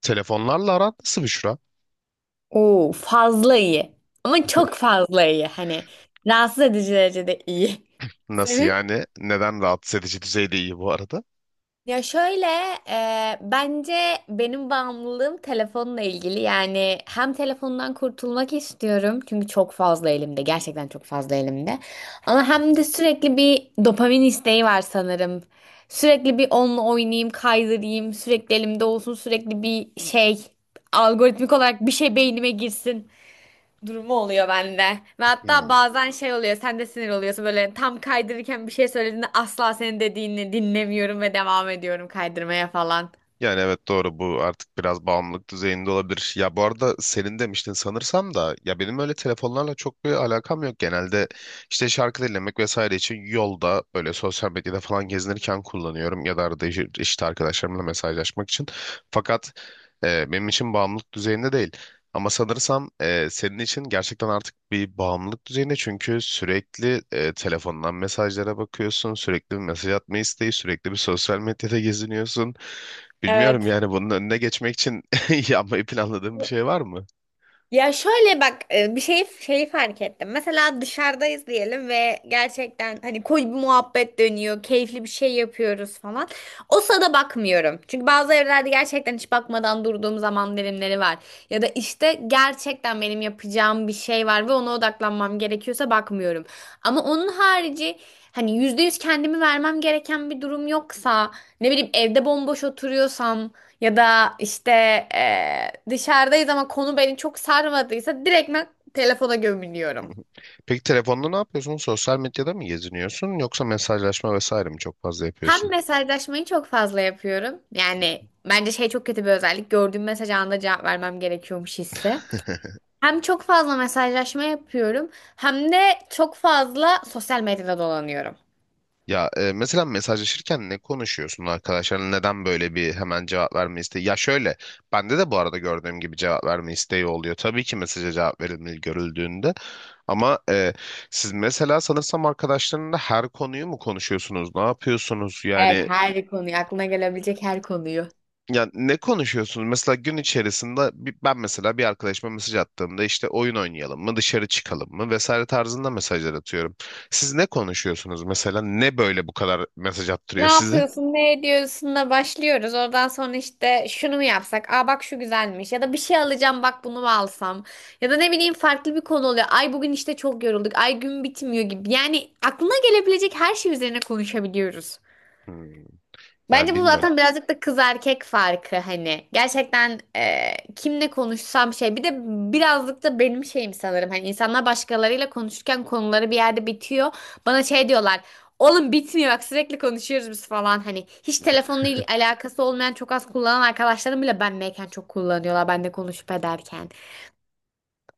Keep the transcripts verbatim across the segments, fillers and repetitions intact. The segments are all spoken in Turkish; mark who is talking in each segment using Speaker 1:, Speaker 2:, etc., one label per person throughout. Speaker 1: Telefonlarla aran nasıl Büşra?
Speaker 2: Oo, fazla iyi. Ama çok fazla iyi. Hani rahatsız edici derecede iyi.
Speaker 1: Nasıl
Speaker 2: Senin?
Speaker 1: yani? Neden rahatsız edici düzeyde iyi bu arada?
Speaker 2: Ya şöyle e, bence benim bağımlılığım telefonla ilgili, yani hem telefondan kurtulmak istiyorum çünkü çok fazla elimde, gerçekten çok fazla elimde, ama hem de sürekli bir dopamin isteği var sanırım. Sürekli bir onunla oynayayım, kaydırayım, sürekli elimde olsun, sürekli bir şey algoritmik olarak bir şey beynime girsin durumu oluyor bende. Ve hatta
Speaker 1: Hmm.
Speaker 2: bazen şey oluyor, sen de sinir oluyorsun böyle tam kaydırırken, bir şey söylediğinde asla senin dediğini dinlemiyorum ve devam ediyorum kaydırmaya falan.
Speaker 1: Yani evet doğru bu artık biraz bağımlılık düzeyinde olabilir. Ya bu arada senin demiştin sanırsam da ya benim öyle telefonlarla çok bir alakam yok. Genelde işte şarkı dinlemek vesaire için yolda böyle sosyal medyada falan gezinirken kullanıyorum ya da arada iş- işte arkadaşlarımla mesajlaşmak için. Fakat e, benim için bağımlılık düzeyinde değil. Ama sanırsam e, senin için gerçekten artık bir bağımlılık düzeyinde çünkü sürekli e, telefondan mesajlara bakıyorsun, sürekli bir mesaj atma isteği, sürekli bir sosyal medyada geziniyorsun. Bilmiyorum
Speaker 2: Evet.
Speaker 1: yani bunun önüne geçmek için yapmayı planladığın bir şey var mı?
Speaker 2: Ya şöyle bak e, bir şey şeyi fark ettim. Mesela dışarıdayız diyelim ve gerçekten hani koyu bir muhabbet dönüyor, keyifli bir şey yapıyoruz falan. O sırada bakmıyorum. Çünkü bazı evlerde gerçekten hiç bakmadan durduğum zaman dilimleri var. Ya da işte gerçekten benim yapacağım bir şey var ve ona odaklanmam gerekiyorsa bakmıyorum. Ama onun harici, hani yüzde yüz kendimi vermem gereken bir durum yoksa, ne bileyim evde bomboş oturuyorsam ya da işte eee, dışarıdayız ama konu beni çok sarmadıysa, direkt ben telefona gömülüyorum.
Speaker 1: Peki telefonda ne yapıyorsun? Sosyal medyada mı geziniyorsun yoksa mesajlaşma vesaire mi çok fazla
Speaker 2: Hem
Speaker 1: yapıyorsun?
Speaker 2: mesajlaşmayı çok fazla yapıyorum. Yani bence şey çok kötü bir özellik. Gördüğüm mesaj anında cevap vermem gerekiyormuş hissi. Hem çok fazla mesajlaşma yapıyorum hem de çok fazla sosyal medyada dolanıyorum.
Speaker 1: Ya e, mesela mesajlaşırken ne konuşuyorsun arkadaşlarla? Neden böyle bir hemen cevap verme isteği? Ya şöyle, bende de bu arada gördüğüm gibi cevap verme isteği oluyor. Tabii ki mesaja cevap verilmeli görüldüğünde. Ama e, siz mesela sanırsam arkadaşlarınla her konuyu mu konuşuyorsunuz? Ne yapıyorsunuz?
Speaker 2: Evet,
Speaker 1: Yani
Speaker 2: her konuyu, aklına gelebilecek her konuyu.
Speaker 1: ya ne konuşuyorsunuz? Mesela gün içerisinde bir- ben mesela bir arkadaşıma mesaj attığımda işte oyun oynayalım mı, dışarı çıkalım mı vesaire tarzında mesajlar atıyorum. Siz ne konuşuyorsunuz mesela? Ne böyle bu kadar mesaj
Speaker 2: Ne
Speaker 1: attırıyor size?
Speaker 2: yapıyorsun, ne ediyorsun da başlıyoruz. Oradan sonra işte şunu mu yapsak? Aa bak şu güzelmiş. Ya da bir şey alacağım, bak bunu mu alsam? Ya da ne bileyim farklı bir konu oluyor. Ay bugün işte çok yorulduk. Ay gün bitmiyor gibi. Yani aklına gelebilecek her şey üzerine konuşabiliyoruz.
Speaker 1: Hmm. Yani
Speaker 2: Bence bu
Speaker 1: bilmiyorum.
Speaker 2: zaten birazcık da kız erkek farkı hani. Gerçekten e, kimle konuşsam şey. Bir de birazcık da benim şeyim sanırım. Hani insanlar başkalarıyla konuşurken konuları bir yerde bitiyor. Bana şey diyorlar. Oğlum bitmiyor bak, sürekli konuşuyoruz biz falan. Hani hiç telefonla il- alakası olmayan, çok az kullanan arkadaşlarım bile benleyken çok kullanıyorlar. Ben de konuşup ederken.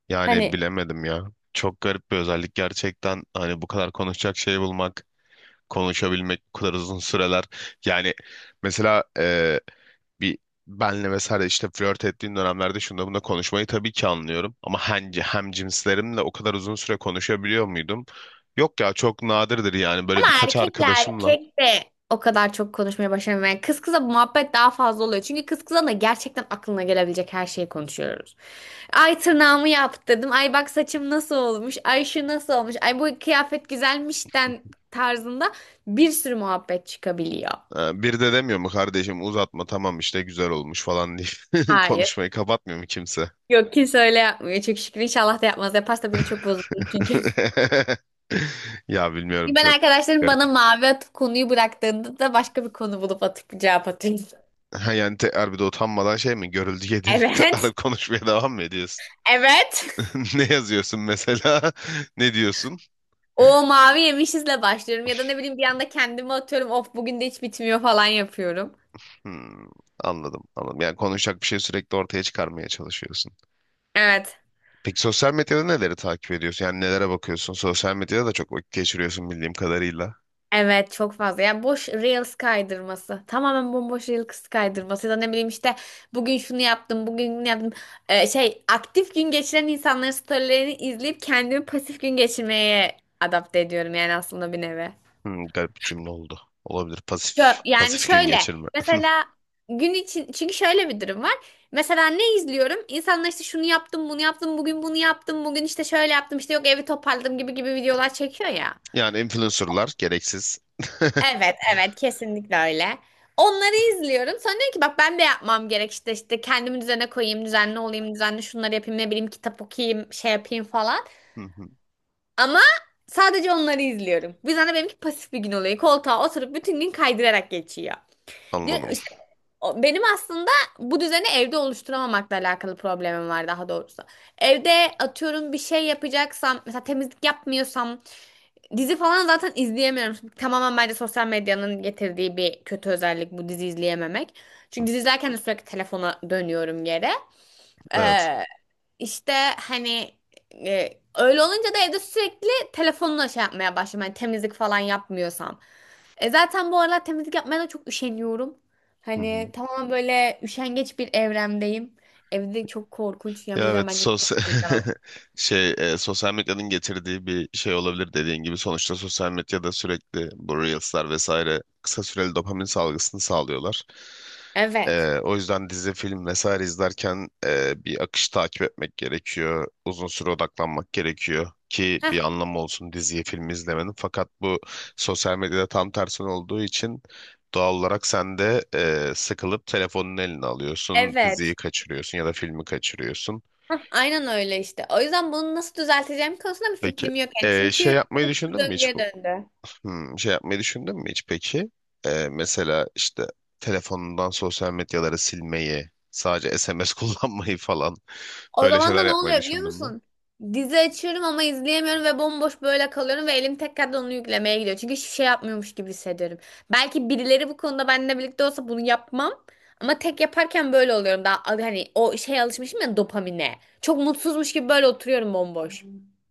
Speaker 1: Yani
Speaker 2: Hani
Speaker 1: bilemedim ya. Çok garip bir özellik gerçekten. Hani bu kadar konuşacak şey bulmak, konuşabilmek bu kadar uzun süreler. Yani mesela e, bir benle vesaire işte flört ettiğin dönemlerde şunda bunda konuşmayı tabii ki anlıyorum. Ama hem, hem cinslerimle o kadar uzun süre konuşabiliyor muydum? Yok ya çok nadirdir yani
Speaker 2: ama
Speaker 1: böyle birkaç
Speaker 2: erkekle
Speaker 1: arkadaşımla.
Speaker 2: erkek de o kadar çok konuşmaya başlamıyor. Yani kız kıza bu muhabbet daha fazla oluyor. Çünkü kız kıza da gerçekten aklına gelebilecek her şeyi konuşuyoruz. Ay tırnağımı yaptırdım. Ay bak saçım nasıl olmuş. Ay şu nasıl olmuş. Ay bu kıyafet güzelmişten tarzında bir sürü muhabbet çıkabiliyor.
Speaker 1: E, bir de demiyor mu kardeşim uzatma tamam işte güzel olmuş falan diye
Speaker 2: Hayır.
Speaker 1: konuşmayı kapatmıyor mu kimse?
Speaker 2: Yok, kimse öyle yapmıyor. Çok şükür, inşallah da yapmaz. Yaparsa biri çok bozulur çünkü.
Speaker 1: Ya bilmiyorum
Speaker 2: Ben
Speaker 1: çok
Speaker 2: arkadaşlarım bana
Speaker 1: garip.
Speaker 2: mavi atıp konuyu bıraktığında da başka bir konu bulup atıp cevap atıyorum.
Speaker 1: Ha, yani te bir utanmadan şey mi görüldü yediğinde
Speaker 2: Evet.
Speaker 1: tekrar konuşmaya devam mı ediyorsun?
Speaker 2: Evet.
Speaker 1: Ne yazıyorsun mesela? Ne diyorsun?
Speaker 2: O mavi yemişizle başlıyorum ya da ne bileyim bir anda kendime atıyorum. Of bugün de hiç bitmiyor falan yapıyorum.
Speaker 1: Hmm, anladım anladım. Yani konuşacak bir şey sürekli ortaya çıkarmaya çalışıyorsun.
Speaker 2: Evet.
Speaker 1: Peki sosyal medyada neleri takip ediyorsun? Yani nelere bakıyorsun? Sosyal medyada da çok vakit geçiriyorsun bildiğim kadarıyla.
Speaker 2: Evet, çok fazla. Yani boş reels kaydırması. Tamamen bomboş reels kaydırması. Ya da ne bileyim işte bugün şunu yaptım, bugün bunu yaptım. Ee, şey, aktif gün geçiren insanların storylerini izleyip kendimi pasif gün geçirmeye adapte ediyorum yani aslında bir nevi.
Speaker 1: Hmm, garip bir cümle oldu. Olabilir.
Speaker 2: Şö-
Speaker 1: Pasif,
Speaker 2: yani
Speaker 1: pasif gün
Speaker 2: şöyle,
Speaker 1: geçirme.
Speaker 2: mesela gün için, çünkü şöyle bir durum var. Mesela ne izliyorum? İnsanlar işte şunu yaptım, bunu yaptım, bugün bunu yaptım, bugün işte şöyle yaptım, işte yok evi toparladım gibi gibi videolar çekiyor ya.
Speaker 1: Yani influencerlar gereksiz.
Speaker 2: Evet, evet, kesinlikle öyle. Onları izliyorum. Sonra diyorum ki bak, ben de yapmam gerek, işte işte kendimi düzene koyayım, düzenli olayım, düzenli şunları yapayım, ne bileyim kitap okuyayım, şey yapayım falan.
Speaker 1: Hı hı,
Speaker 2: Ama sadece onları izliyorum. Bu yüzden de benimki pasif bir gün oluyor. Koltuğa oturup bütün gün kaydırarak geçiyor. Diyor-
Speaker 1: anladım.
Speaker 2: İşte o- benim aslında bu düzeni evde oluşturamamakla alakalı problemim var daha doğrusu. Evde, atıyorum, bir şey yapacaksam, mesela temizlik yapmıyorsam, dizi falan zaten izleyemiyorum. Tamamen bence sosyal medyanın getirdiği bir kötü özellik bu, dizi izleyememek. Çünkü dizi izlerken de sürekli telefona dönüyorum yere.
Speaker 1: Evet.
Speaker 2: Ee, işte hani e, öyle olunca da evde sürekli telefonla şey yapmaya başlıyorum. Hani temizlik falan yapmıyorsam. E zaten bu aralar temizlik yapmaya da çok üşeniyorum. Hani tamamen böyle üşengeç bir evremdeyim. Evde çok korkunç. Yani bu
Speaker 1: Ya
Speaker 2: yüzden
Speaker 1: evet
Speaker 2: bence çok
Speaker 1: sosyal
Speaker 2: temizlik alalım.
Speaker 1: şey e, sosyal medyanın getirdiği bir şey olabilir dediğin gibi sonuçta sosyal medyada sürekli bu Reels'lar vesaire kısa süreli dopamin salgısını sağlıyorlar.
Speaker 2: Evet.
Speaker 1: E, o yüzden dizi, film vesaire izlerken e, bir akış takip etmek gerekiyor. Uzun süre odaklanmak gerekiyor ki
Speaker 2: Heh,
Speaker 1: bir anlamı olsun diziyi, filmi izlemenin. Fakat bu sosyal medyada tam tersi olduğu için doğal olarak sen de e, sıkılıp telefonun eline alıyorsun, diziyi
Speaker 2: evet.
Speaker 1: kaçırıyorsun ya da filmi kaçırıyorsun.
Speaker 2: Hah, aynen öyle işte. O yüzden bunu nasıl düzelteceğim konusunda bir
Speaker 1: Peki.
Speaker 2: fikrim yok yani.
Speaker 1: Ee, şey
Speaker 2: Çünkü
Speaker 1: yapmayı
Speaker 2: bu bir
Speaker 1: düşündün mü hiç
Speaker 2: döngüye
Speaker 1: bu?
Speaker 2: döndü.
Speaker 1: Hmm, şey yapmayı düşündün mü hiç peki? Ee, mesela işte telefonundan sosyal medyaları silmeyi, sadece S M S kullanmayı falan
Speaker 2: O
Speaker 1: böyle
Speaker 2: zaman da
Speaker 1: şeyler
Speaker 2: ne
Speaker 1: yapmayı
Speaker 2: oluyor biliyor
Speaker 1: düşündün mü?
Speaker 2: musun? Dizi açıyorum ama izleyemiyorum ve bomboş böyle kalıyorum ve elim tekrardan onu yüklemeye gidiyor. Çünkü hiçbir şey yapmıyormuş gibi hissediyorum. Belki birileri bu konuda benimle birlikte olsa bunu yapmam. Ama tek yaparken böyle oluyorum. Daha hani o şeye alışmışım ya, dopamine. Çok mutsuzmuş gibi böyle oturuyorum bomboş.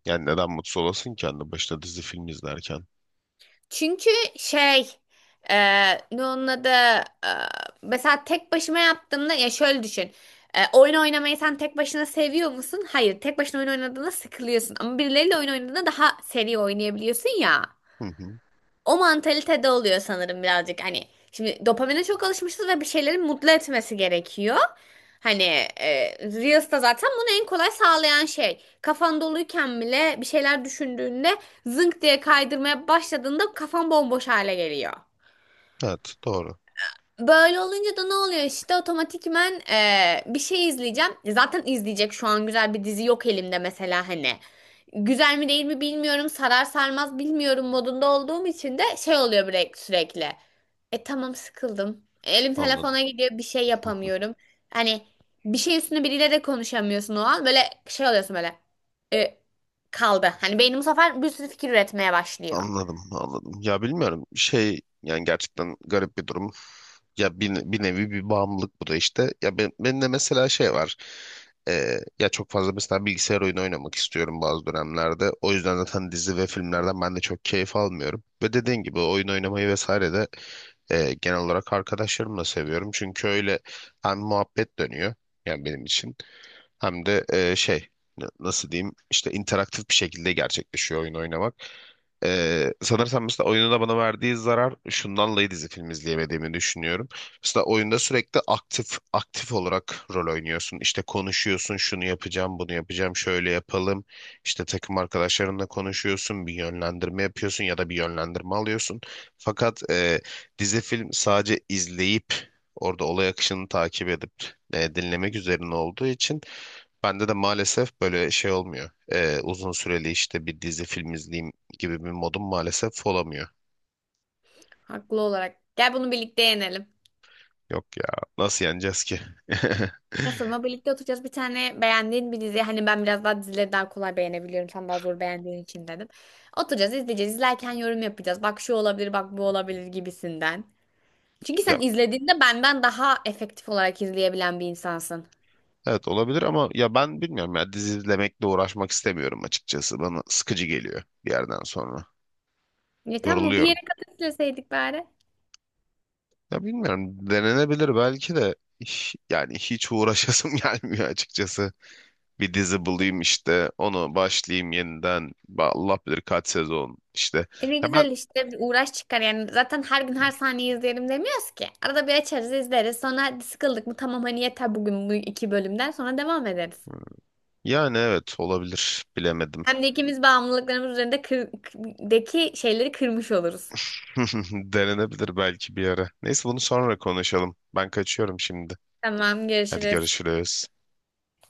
Speaker 1: Yani neden mutsuz olasın ki anne başta dizi film izlerken?
Speaker 2: Çünkü şey, e, ne onun adı, e, mesela tek başıma yaptığımda, ya şöyle düşün. E, oyun oynamayı sen tek başına seviyor musun? Hayır. Tek başına oyun oynadığında sıkılıyorsun. Ama birileriyle oyun oynadığında daha seri oynayabiliyorsun ya.
Speaker 1: Hı hı.
Speaker 2: O mantalitede oluyor sanırım birazcık hani. Şimdi dopamine çok alışmışız ve bir şeyleri mutlu etmesi gerekiyor. Hani e, Reels da zaten bunu en kolay sağlayan şey. Kafan doluyken bile bir şeyler düşündüğünde zınk diye kaydırmaya başladığında kafan bomboş hale geliyor.
Speaker 1: Evet doğru.
Speaker 2: Böyle olunca da ne oluyor işte, otomatikmen e, bir şey izleyeceğim. Zaten izleyecek şu an güzel bir dizi yok elimde mesela hani. Güzel mi değil mi bilmiyorum, sarar sarmaz bilmiyorum modunda olduğum için de şey oluyor bre- sürekli. E tamam, sıkıldım. Elim
Speaker 1: Anladım.
Speaker 2: telefona gidiyor, bir şey yapamıyorum. Hani bir şey üstüne biriyle de konuşamıyorsun o an, böyle şey oluyorsun böyle. E, Kaldı. Hani beynim bu sefer bir sürü fikir üretmeye başlıyor.
Speaker 1: Anladım, anladım. Ya bilmiyorum şey yani gerçekten garip bir durum. Ya bir, bir nevi bir bağımlılık bu da işte. Ya ben, benim de mesela şey var. Ee, ya çok fazla mesela bilgisayar oyunu oynamak istiyorum bazı dönemlerde. O yüzden zaten dizi ve filmlerden ben de çok keyif almıyorum. Ve dediğin gibi oyun oynamayı vesaire de e, genel olarak arkadaşlarımla seviyorum. Çünkü öyle hem muhabbet dönüyor yani benim için. Hem de e, şey n- nasıl diyeyim işte interaktif bir şekilde gerçekleşiyor oyun oynamak. E, sanırsam mesela oyunun da bana verdiği zarar şundan dolayı dizi film izleyemediğimi düşünüyorum. Mesela oyunda sürekli aktif aktif olarak rol oynuyorsun. İşte konuşuyorsun şunu yapacağım bunu yapacağım şöyle yapalım. İşte takım arkadaşlarınla konuşuyorsun bir yönlendirme yapıyorsun ya da bir yönlendirme alıyorsun. Fakat e, dizi film sadece izleyip orada olay akışını takip edip e, dinlemek üzerine olduğu için bende de maalesef böyle şey olmuyor. Ee, uzun süreli işte bir dizi film izleyeyim gibi bir modum maalesef olamıyor.
Speaker 2: Haklı olarak. Gel bunu birlikte yenelim.
Speaker 1: Yok ya nasıl yeneceğiz ki?
Speaker 2: Sonra birlikte oturacağız. Bir tane beğendiğin bir dizi. Hani ben biraz daha dizileri daha kolay beğenebiliyorum. Sen daha zor beğendiğin için dedim. Oturacağız, izleyeceğiz. İzlerken yorum yapacağız. Bak şu olabilir, bak bu olabilir gibisinden. Çünkü
Speaker 1: Ya,
Speaker 2: sen izlediğinde benden daha efektif olarak izleyebilen bir insansın.
Speaker 1: evet olabilir ama ya ben bilmiyorum ya dizi izlemekle uğraşmak istemiyorum açıkçası. Bana sıkıcı geliyor bir yerden sonra.
Speaker 2: Ya tamam, bir
Speaker 1: Yoruluyorum.
Speaker 2: yere kadar izleseydik bari.
Speaker 1: Ya bilmiyorum denenebilir belki de Hiç- yani hiç uğraşasım gelmiyor açıkçası. Bir dizi bulayım işte onu başlayayım yeniden. Ba- Allah bilir kaç sezon işte.
Speaker 2: E ne
Speaker 1: Ya ben
Speaker 2: güzel işte, bir uğraş çıkar yani, zaten her gün her saniye izleyelim demiyoruz ki. Arada bir açarız, izleriz, sonra sıkıldık mı tamam, hani yeter bugün, bu iki bölümden sonra devam ederiz.
Speaker 1: Yani evet olabilir. Bilemedim.
Speaker 2: Hem de ikimiz bağımlılıklarımız üzerinde kır- deki şeyleri kırmış oluruz.
Speaker 1: Denenebilir belki bir ara. Neyse bunu sonra konuşalım. Ben kaçıyorum şimdi.
Speaker 2: Tamam,
Speaker 1: Hadi
Speaker 2: görüşürüz.
Speaker 1: görüşürüz.